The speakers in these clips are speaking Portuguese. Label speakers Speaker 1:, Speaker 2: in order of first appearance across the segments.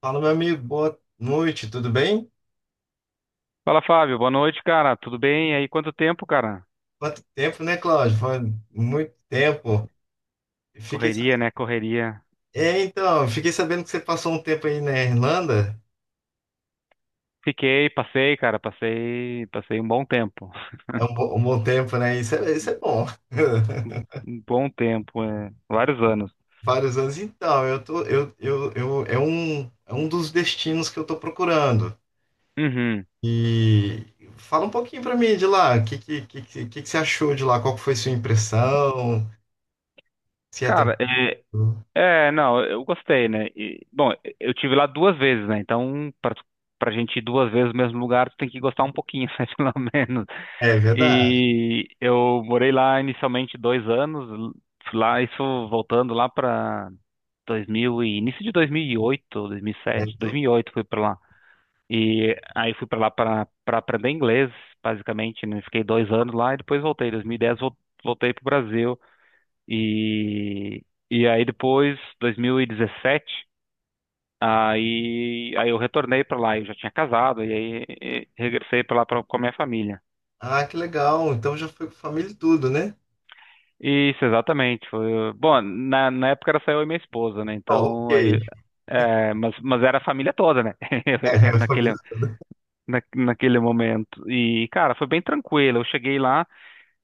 Speaker 1: Fala, meu amigo, boa noite, tudo bem?
Speaker 2: Fala, Fábio. Boa noite, cara. Tudo bem? E aí, quanto tempo, cara?
Speaker 1: Quanto tempo, né, Cláudio? Foi muito tempo. Fiquei... sa-
Speaker 2: Correria, né? Correria.
Speaker 1: É, então, fiquei sabendo que você passou um tempo aí na Irlanda.
Speaker 2: Fiquei, passei, cara. Passei um bom tempo.
Speaker 1: Um bom tempo, né? Isso é bom.
Speaker 2: Um bom tempo, é. Vários anos.
Speaker 1: Vários anos. Então, eu tô, eu, é um dos destinos que eu tô procurando.
Speaker 2: Uhum.
Speaker 1: E fala um pouquinho pra mim de lá. O que que você achou de lá? Qual que foi sua impressão? Se é
Speaker 2: Cara,
Speaker 1: tranquilo?
Speaker 2: não, eu gostei, né? E, bom, eu tive lá duas vezes, né? Então, pra gente ir duas vezes no mesmo lugar, tu tem que gostar um pouquinho, né? Pelo menos.
Speaker 1: É verdade.
Speaker 2: E eu morei lá inicialmente 2 anos, lá, isso voltando lá pra 2000 e início de 2008, 2007, 2008 fui para lá. E aí fui para lá para aprender inglês, basicamente, né? Fiquei 2 anos lá e depois voltei. Em 2010 voltei para o Brasil e e aí depois 2017 aí eu retornei para lá. Eu já tinha casado e aí regressei para lá pra, com a minha família.
Speaker 1: Ah, que legal. Então já foi com família e tudo, né?
Speaker 2: Isso, exatamente. Foi, bom, na época era só eu e minha esposa, né?
Speaker 1: Então,
Speaker 2: Então
Speaker 1: ok.
Speaker 2: aí é, mas era a família toda, né?
Speaker 1: É,
Speaker 2: Naquele,
Speaker 1: família e tudo.
Speaker 2: naquele momento. E, cara, foi bem tranquilo. Eu cheguei lá,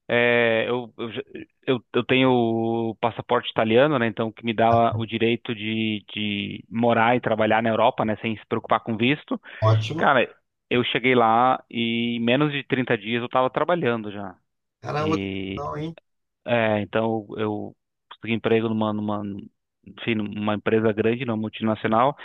Speaker 2: é, eu, eu, já- eu tenho o passaporte italiano, né? Então, que me dá o direito de morar e trabalhar na Europa, né? Sem se preocupar com visto.
Speaker 1: Ótimo.
Speaker 2: Cara, eu cheguei lá e em menos de 30 dias eu tava trabalhando já.
Speaker 1: Caramba, que
Speaker 2: E,
Speaker 1: legal, hein?
Speaker 2: é, então eu consegui emprego enfim, numa empresa grande, numa multinacional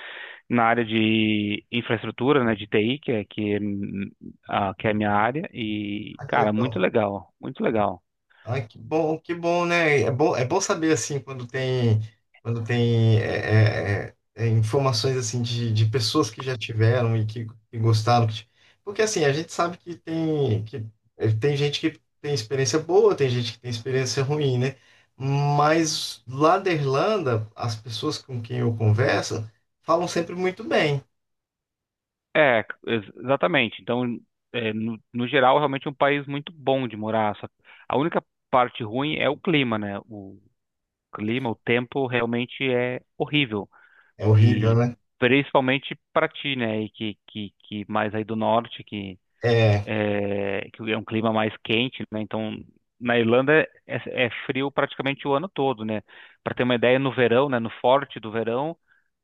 Speaker 2: na área de infraestrutura, né, de TI, que é a minha área, e,
Speaker 1: Ah, que
Speaker 2: cara, muito
Speaker 1: legal.
Speaker 2: legal, muito legal.
Speaker 1: Ai, que bom, né? É bom saber assim quando tem informações assim de pessoas que já tiveram e que gostaram. Porque assim, a gente sabe que tem que tem gente que tem experiência boa, tem gente que tem experiência ruim, né? Mas lá da Irlanda, as pessoas com quem eu converso falam sempre muito bem.
Speaker 2: É, exatamente. Então, é, no geral, realmente é um país muito bom de morar. Só, a única parte ruim é o clima, né? O clima, o tempo realmente é horrível.
Speaker 1: É horrível,
Speaker 2: E
Speaker 1: né?
Speaker 2: principalmente para ti, né? E que, que mais aí do norte,
Speaker 1: É,
Speaker 2: é, que é um clima mais quente, né? Então, na Irlanda é, é frio praticamente o ano todo, né? Para ter uma ideia, no verão, né? No forte do verão,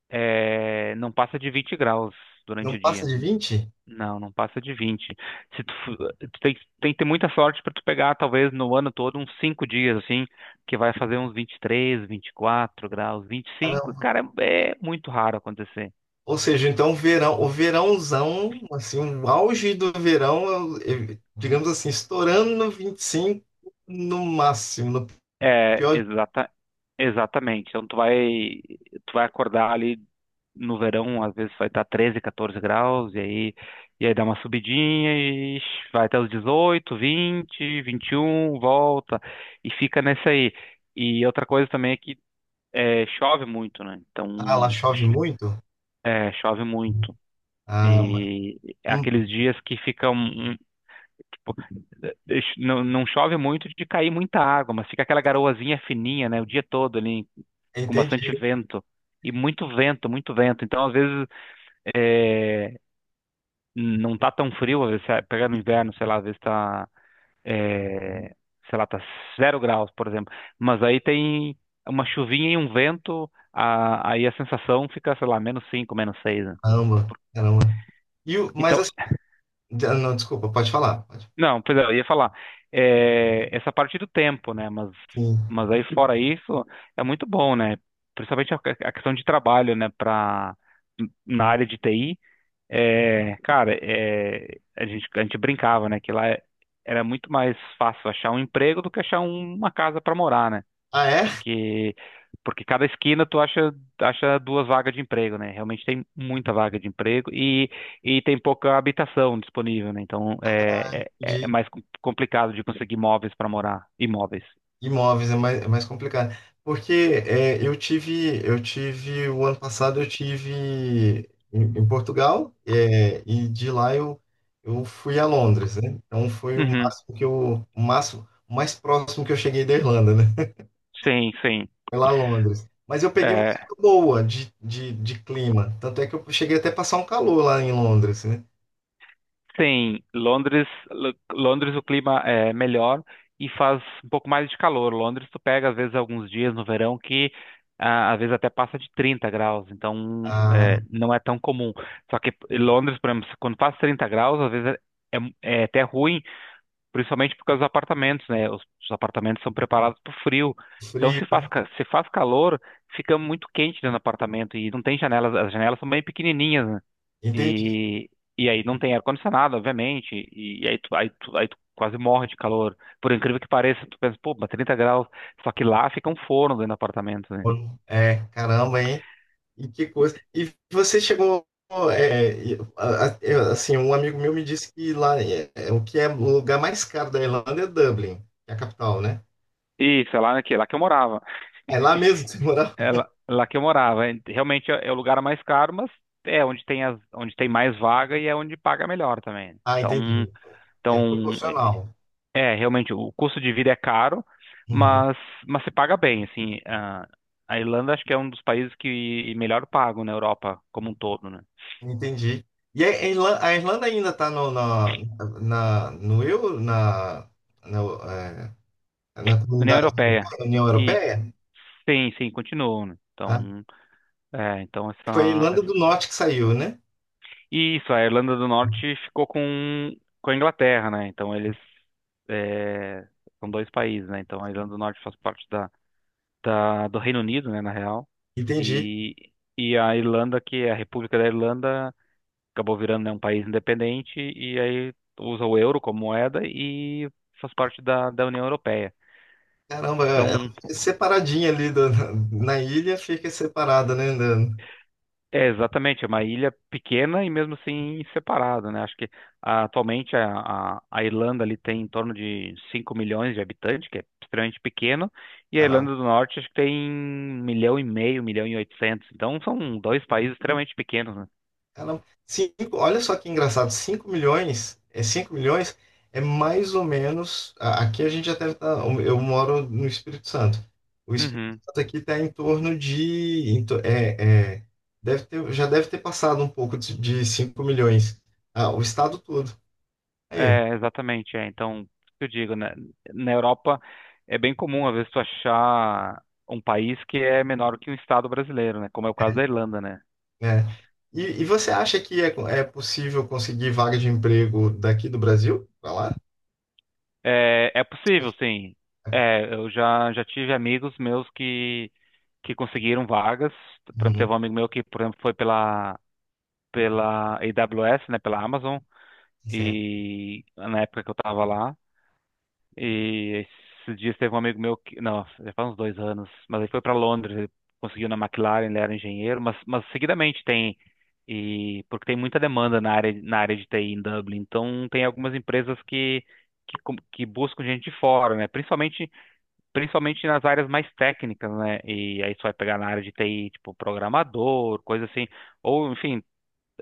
Speaker 2: é, não passa de 20 graus durante
Speaker 1: não
Speaker 2: o
Speaker 1: passa
Speaker 2: dia.
Speaker 1: de vinte.
Speaker 2: Não, não passa de 20. Se tu, tem, tem que ter muita sorte para tu pegar, talvez no ano todo, uns 5 dias, assim, que vai fazer uns 23, quatro graus, 25. Cara, é muito raro acontecer.
Speaker 1: Ou seja, então o verão, o verãozão, assim, o auge do verão, digamos assim, estourando no 25 no máximo, no
Speaker 2: É,
Speaker 1: pior dia.
Speaker 2: exata, exatamente. Então tu vai acordar ali no verão, às vezes vai estar 13 14 graus, e aí dá uma subidinha e vai até os dezoito vinte vinte e um, volta, e fica nessa aí. E outra coisa também é que é, chove muito, né? Então,
Speaker 1: Ah, lá chove muito?
Speaker 2: é, chove muito.
Speaker 1: Ah, ma-
Speaker 2: E é
Speaker 1: hum,
Speaker 2: aqueles dias que ficam, tipo, não, não chove muito de cair muita água, mas fica aquela garoazinha fininha, né? O dia todo ali com bastante
Speaker 1: entendi.
Speaker 2: vento. E muito vento, muito vento. Então, às vezes, é, não tá tão frio, às vezes, você pega no inverno, sei lá, às vezes tá, é, sei lá, tá 0 graus, por exemplo. Mas aí tem uma chuvinha e um vento, aí a sensação fica, sei lá, -5, -6, né?
Speaker 1: Caramba, caramba. E o, mas
Speaker 2: Então,
Speaker 1: assim, ah, não, desculpa, pode falar. Pode.
Speaker 2: não, pois é, eu ia falar, é, essa parte do tempo, né?
Speaker 1: Sim.
Speaker 2: Mas aí fora isso, é muito bom, né? Principalmente a questão de trabalho, né? Pra, na área de TI, é, cara, é, a gente brincava, né, que lá era muito mais fácil achar um emprego do que achar uma casa para morar, né?
Speaker 1: Ah, é?
Speaker 2: Porque, porque cada esquina acha duas vagas de emprego, né? Realmente tem muita vaga de emprego e tem pouca habitação disponível, né? Então é mais complicado de conseguir imóveis para morar, imóveis.
Speaker 1: Imóveis é mais complicado. Porque é, o ano passado eu tive em, em Portugal, é, e de lá eu fui a Londres, né? Então foi o
Speaker 2: Uhum.
Speaker 1: máximo que eu, o máximo, o mais próximo que eu cheguei da Irlanda, né?
Speaker 2: Sim, sim.
Speaker 1: Foi lá a Londres. Mas eu peguei uma
Speaker 2: É,
Speaker 1: época boa de clima. Tanto é que eu cheguei até a passar um calor lá em Londres, né?
Speaker 2: sim, Londres, Londres o clima é melhor e faz um pouco mais de calor. Londres tu pega às vezes alguns dias no verão que ah, às vezes até passa de 30 graus, então
Speaker 1: Ah,
Speaker 2: é, não é tão comum. Só que Londres, por exemplo, quando faz 30 graus, às vezes é, é até ruim, principalmente por causa dos apartamentos, né? Os apartamentos são preparados para o frio. Então
Speaker 1: frio,
Speaker 2: se faz,
Speaker 1: né?
Speaker 2: se faz calor, fica muito quente dentro do apartamento e não tem janelas, as janelas são bem pequenininhas, né?
Speaker 1: Entendi.
Speaker 2: E, e aí não tem ar-condicionado, obviamente, aí tu quase morre de calor. Por incrível que pareça, tu pensa, pô, mas 30 graus, só que lá fica um forno dentro do apartamento, né?
Speaker 1: É, caramba, hein? E que coisa. E você chegou. Eu, assim, um amigo meu me disse que lá é, é o que é o lugar mais caro da Irlanda é Dublin, que é a capital, né?
Speaker 2: Isso, é lá que eu morava.
Speaker 1: É lá mesmo que você morava?
Speaker 2: É lá, lá que eu morava. É, realmente é, é o lugar mais caro, mas é onde tem, as, onde tem mais vaga e é onde paga melhor também.
Speaker 1: Ah,
Speaker 2: Então,
Speaker 1: entendi. É
Speaker 2: então
Speaker 1: proporcional.
Speaker 2: é, é, realmente, o custo de vida é caro,
Speaker 1: Uhum.
Speaker 2: mas, mas se paga bem, assim. A Irlanda acho que é um dos países que melhor pagam na Europa como um todo, né?
Speaker 1: Entendi. E a Irlanda ainda está no euro, na, é, na
Speaker 2: União
Speaker 1: comunidade
Speaker 2: Europeia.
Speaker 1: europeia, União
Speaker 2: Isso.
Speaker 1: Europeia?
Speaker 2: Sim, sim, continuou, né?
Speaker 1: Ah,
Speaker 2: Então, é, então
Speaker 1: foi a Irlanda
Speaker 2: essa...
Speaker 1: do Norte que saiu, né?
Speaker 2: Isso, a Irlanda do Norte ficou com a Inglaterra, né? Então eles é, são dois países, né? Então a Irlanda do Norte faz parte da, do Reino Unido, né, na real.
Speaker 1: Entendi.
Speaker 2: E a Irlanda, que é a República da Irlanda, acabou virando, né, um país independente e aí usa o euro como moeda e faz parte da, da União Europeia.
Speaker 1: Caramba, ela
Speaker 2: Então,
Speaker 1: fica separadinha na, na ilha, fica separada, né?
Speaker 2: é, exatamente, é uma ilha pequena e mesmo assim separada, né? Acho que ah, atualmente a Irlanda ali tem em torno de 5 milhões de habitantes, que é extremamente pequeno, e a
Speaker 1: Caramba,
Speaker 2: Irlanda do Norte acho que tem 1 milhão e meio, 1 milhão e 800. Então são dois países extremamente pequenos, né?
Speaker 1: caramba. Cinco, olha só que engraçado, cinco milhões, é mais ou menos. Aqui a gente já deve estar. Eu moro no Espírito Santo. O Espírito
Speaker 2: Uhum.
Speaker 1: Santo aqui está em torno de. Deve ter, já deve ter passado um pouco de 5 milhões. Ah, o estado todo. Aí,
Speaker 2: É, exatamente, é. Então, o que eu digo, né? Na Europa é bem comum, às vezes, tu achar um país que é menor que um estado brasileiro, né? Como é o caso da Irlanda, né?
Speaker 1: né? E você acha que é, é possível conseguir vaga de emprego daqui do Brasil? Pra lá?
Speaker 2: É, é possível, sim. É, já tive amigos meus que conseguiram vagas. Por exemplo,
Speaker 1: Uhum.
Speaker 2: teve um amigo meu que, por exemplo, foi pela, pela AWS, né, pela Amazon,
Speaker 1: Certo.
Speaker 2: e na época que eu estava lá. E esses dias teve um amigo meu que, não, já faz uns 2 anos, mas ele foi para Londres, ele conseguiu na McLaren, ele era engenheiro, mas seguidamente tem, e porque tem muita demanda na área de TI em Dublin, então tem algumas empresas que buscam gente de fora, né? Principalmente nas áreas mais técnicas, né? E aí você vai pegar na área de TI, tipo programador, coisa assim, ou enfim,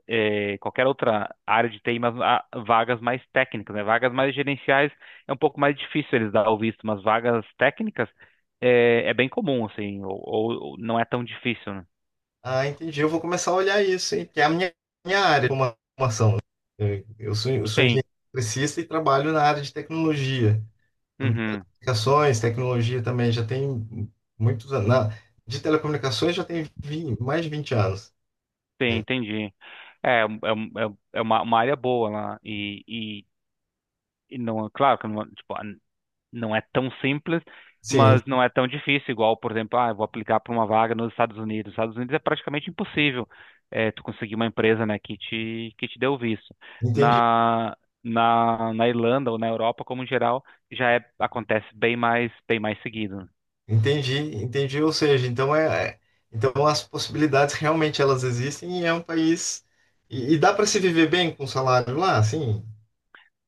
Speaker 2: qualquer outra área de TI, mas há vagas mais técnicas, né? Vagas mais gerenciais é um pouco mais difícil eles dar o visto, mas vagas técnicas é, é bem comum, assim, ou não é tão difícil, né?
Speaker 1: Ah, entendi. Eu vou começar a olhar isso, hein? Que é minha área de formação. Eu sou
Speaker 2: Sim,
Speaker 1: engenheiro eletricista e trabalho na área de tecnologia. Então,
Speaker 2: uhum,
Speaker 1: telecomunicações, tecnologia também, já tem muitos anos. Na, de telecomunicações mais de 20 anos.
Speaker 2: sim,
Speaker 1: Né?
Speaker 2: entendi. É, é, um- uma área boa lá, e não, é claro que não, tipo, não é tão simples,
Speaker 1: Sim,
Speaker 2: mas não é tão difícil, igual, por exemplo, ah, eu vou aplicar para uma vaga nos Estados Unidos. Nos Estados Unidos é praticamente impossível eh, tu conseguir uma empresa, né, que te dê o visto.
Speaker 1: entendi,
Speaker 2: Na, na Irlanda ou na Europa, como em geral, já é, acontece bem mais seguido.
Speaker 1: entendi, entendi. Ou seja, então é, é- então as possibilidades realmente elas existem e é um país. E dá para se viver bem com o salário lá? Sim,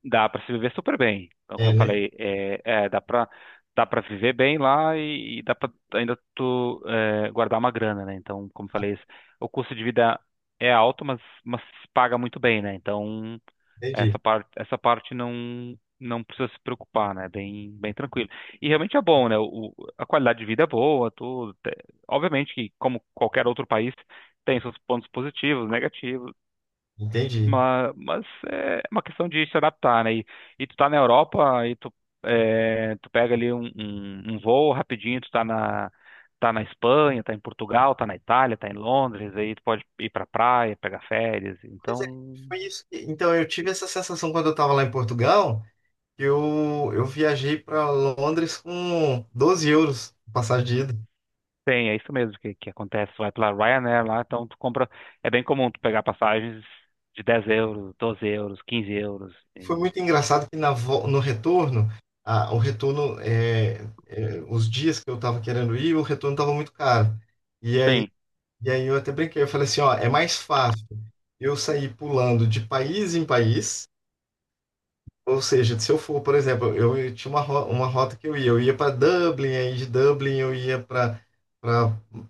Speaker 2: Dá para se viver super bem. Então, como
Speaker 1: é,
Speaker 2: eu
Speaker 1: né?
Speaker 2: falei, é, é, dá para viver bem lá e dá para ainda tu é, guardar uma grana, né? Então, como eu falei, o custo de vida é alto, mas se paga muito bem, né? Então,
Speaker 1: Entendi.
Speaker 2: essa parte não precisa se preocupar, né? Bem tranquilo. E realmente é bom, né? A qualidade de vida é boa, tudo. Obviamente que como qualquer outro país tem seus pontos positivos, negativos
Speaker 1: Entendi.
Speaker 2: mas é uma questão de se adaptar, né? E tu tá na Europa e tu, é, tu pega ali um voo rapidinho, tu tá na, tá na Espanha, tá em Portugal, tá na Itália, tá em Londres, aí tu pode ir pra praia, pegar férias.
Speaker 1: Pois é,
Speaker 2: Então,
Speaker 1: foi isso. Então, eu tive essa sensação quando eu estava lá em Portugal, que eu viajei para Londres com 12 euros passagem de ida.
Speaker 2: tem, é isso mesmo que acontece. Tu vai pela Ryanair lá, então tu compra. É bem comum tu pegar passagens de 10 euros, 12 euros, 15 euros.
Speaker 1: Foi muito engraçado que no retorno, a, o retorno, os dias que eu estava querendo ir, o retorno estava muito caro. E aí,
Speaker 2: Sim.
Speaker 1: e aí eu até brinquei, eu falei assim, ó, é mais fácil eu sair pulando de país em país. Ou seja, se eu for, por exemplo, eu tinha uma, uma rota que eu ia para Dublin, aí de Dublin eu ia para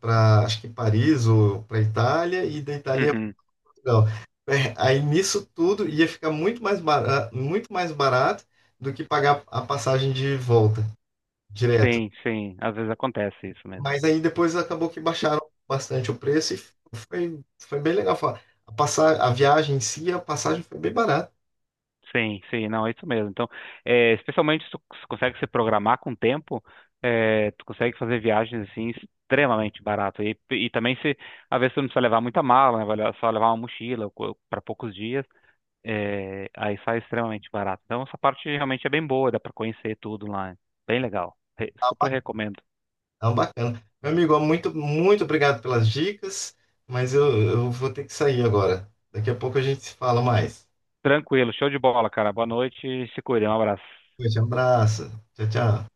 Speaker 1: acho que Paris ou para Itália e da Itália ia pra
Speaker 2: Uhum.
Speaker 1: Portugal. É, aí nisso tudo ia ficar muito mais barato do que pagar a passagem de volta direto.
Speaker 2: Sim, sim. Às vezes acontece isso mesmo.
Speaker 1: Mas aí depois acabou que baixaram bastante o preço e foi, foi bem legal. A passar, a viagem em si, a passagem foi bem barata.
Speaker 2: Sim, sim, não, é isso mesmo. Então, é, especialmente se tu se consegue se programar com o tempo, é, tu consegue fazer viagens assim extremamente barato. E também se às vezes tu não precisa levar muita mala, né? Só levar uma mochila para poucos dias, é, aí sai extremamente barato. Então essa parte realmente é bem boa, dá para conhecer tudo lá. Bem legal. Super recomendo.
Speaker 1: Então, bacana. Meu amigo, ó, muito obrigado pelas dicas, mas eu vou ter que sair agora. Daqui a pouco a gente se fala mais.
Speaker 2: Tranquilo, show de bola, cara. Boa noite, se cuida, um abraço.
Speaker 1: Um abraço. Tchau, tchau.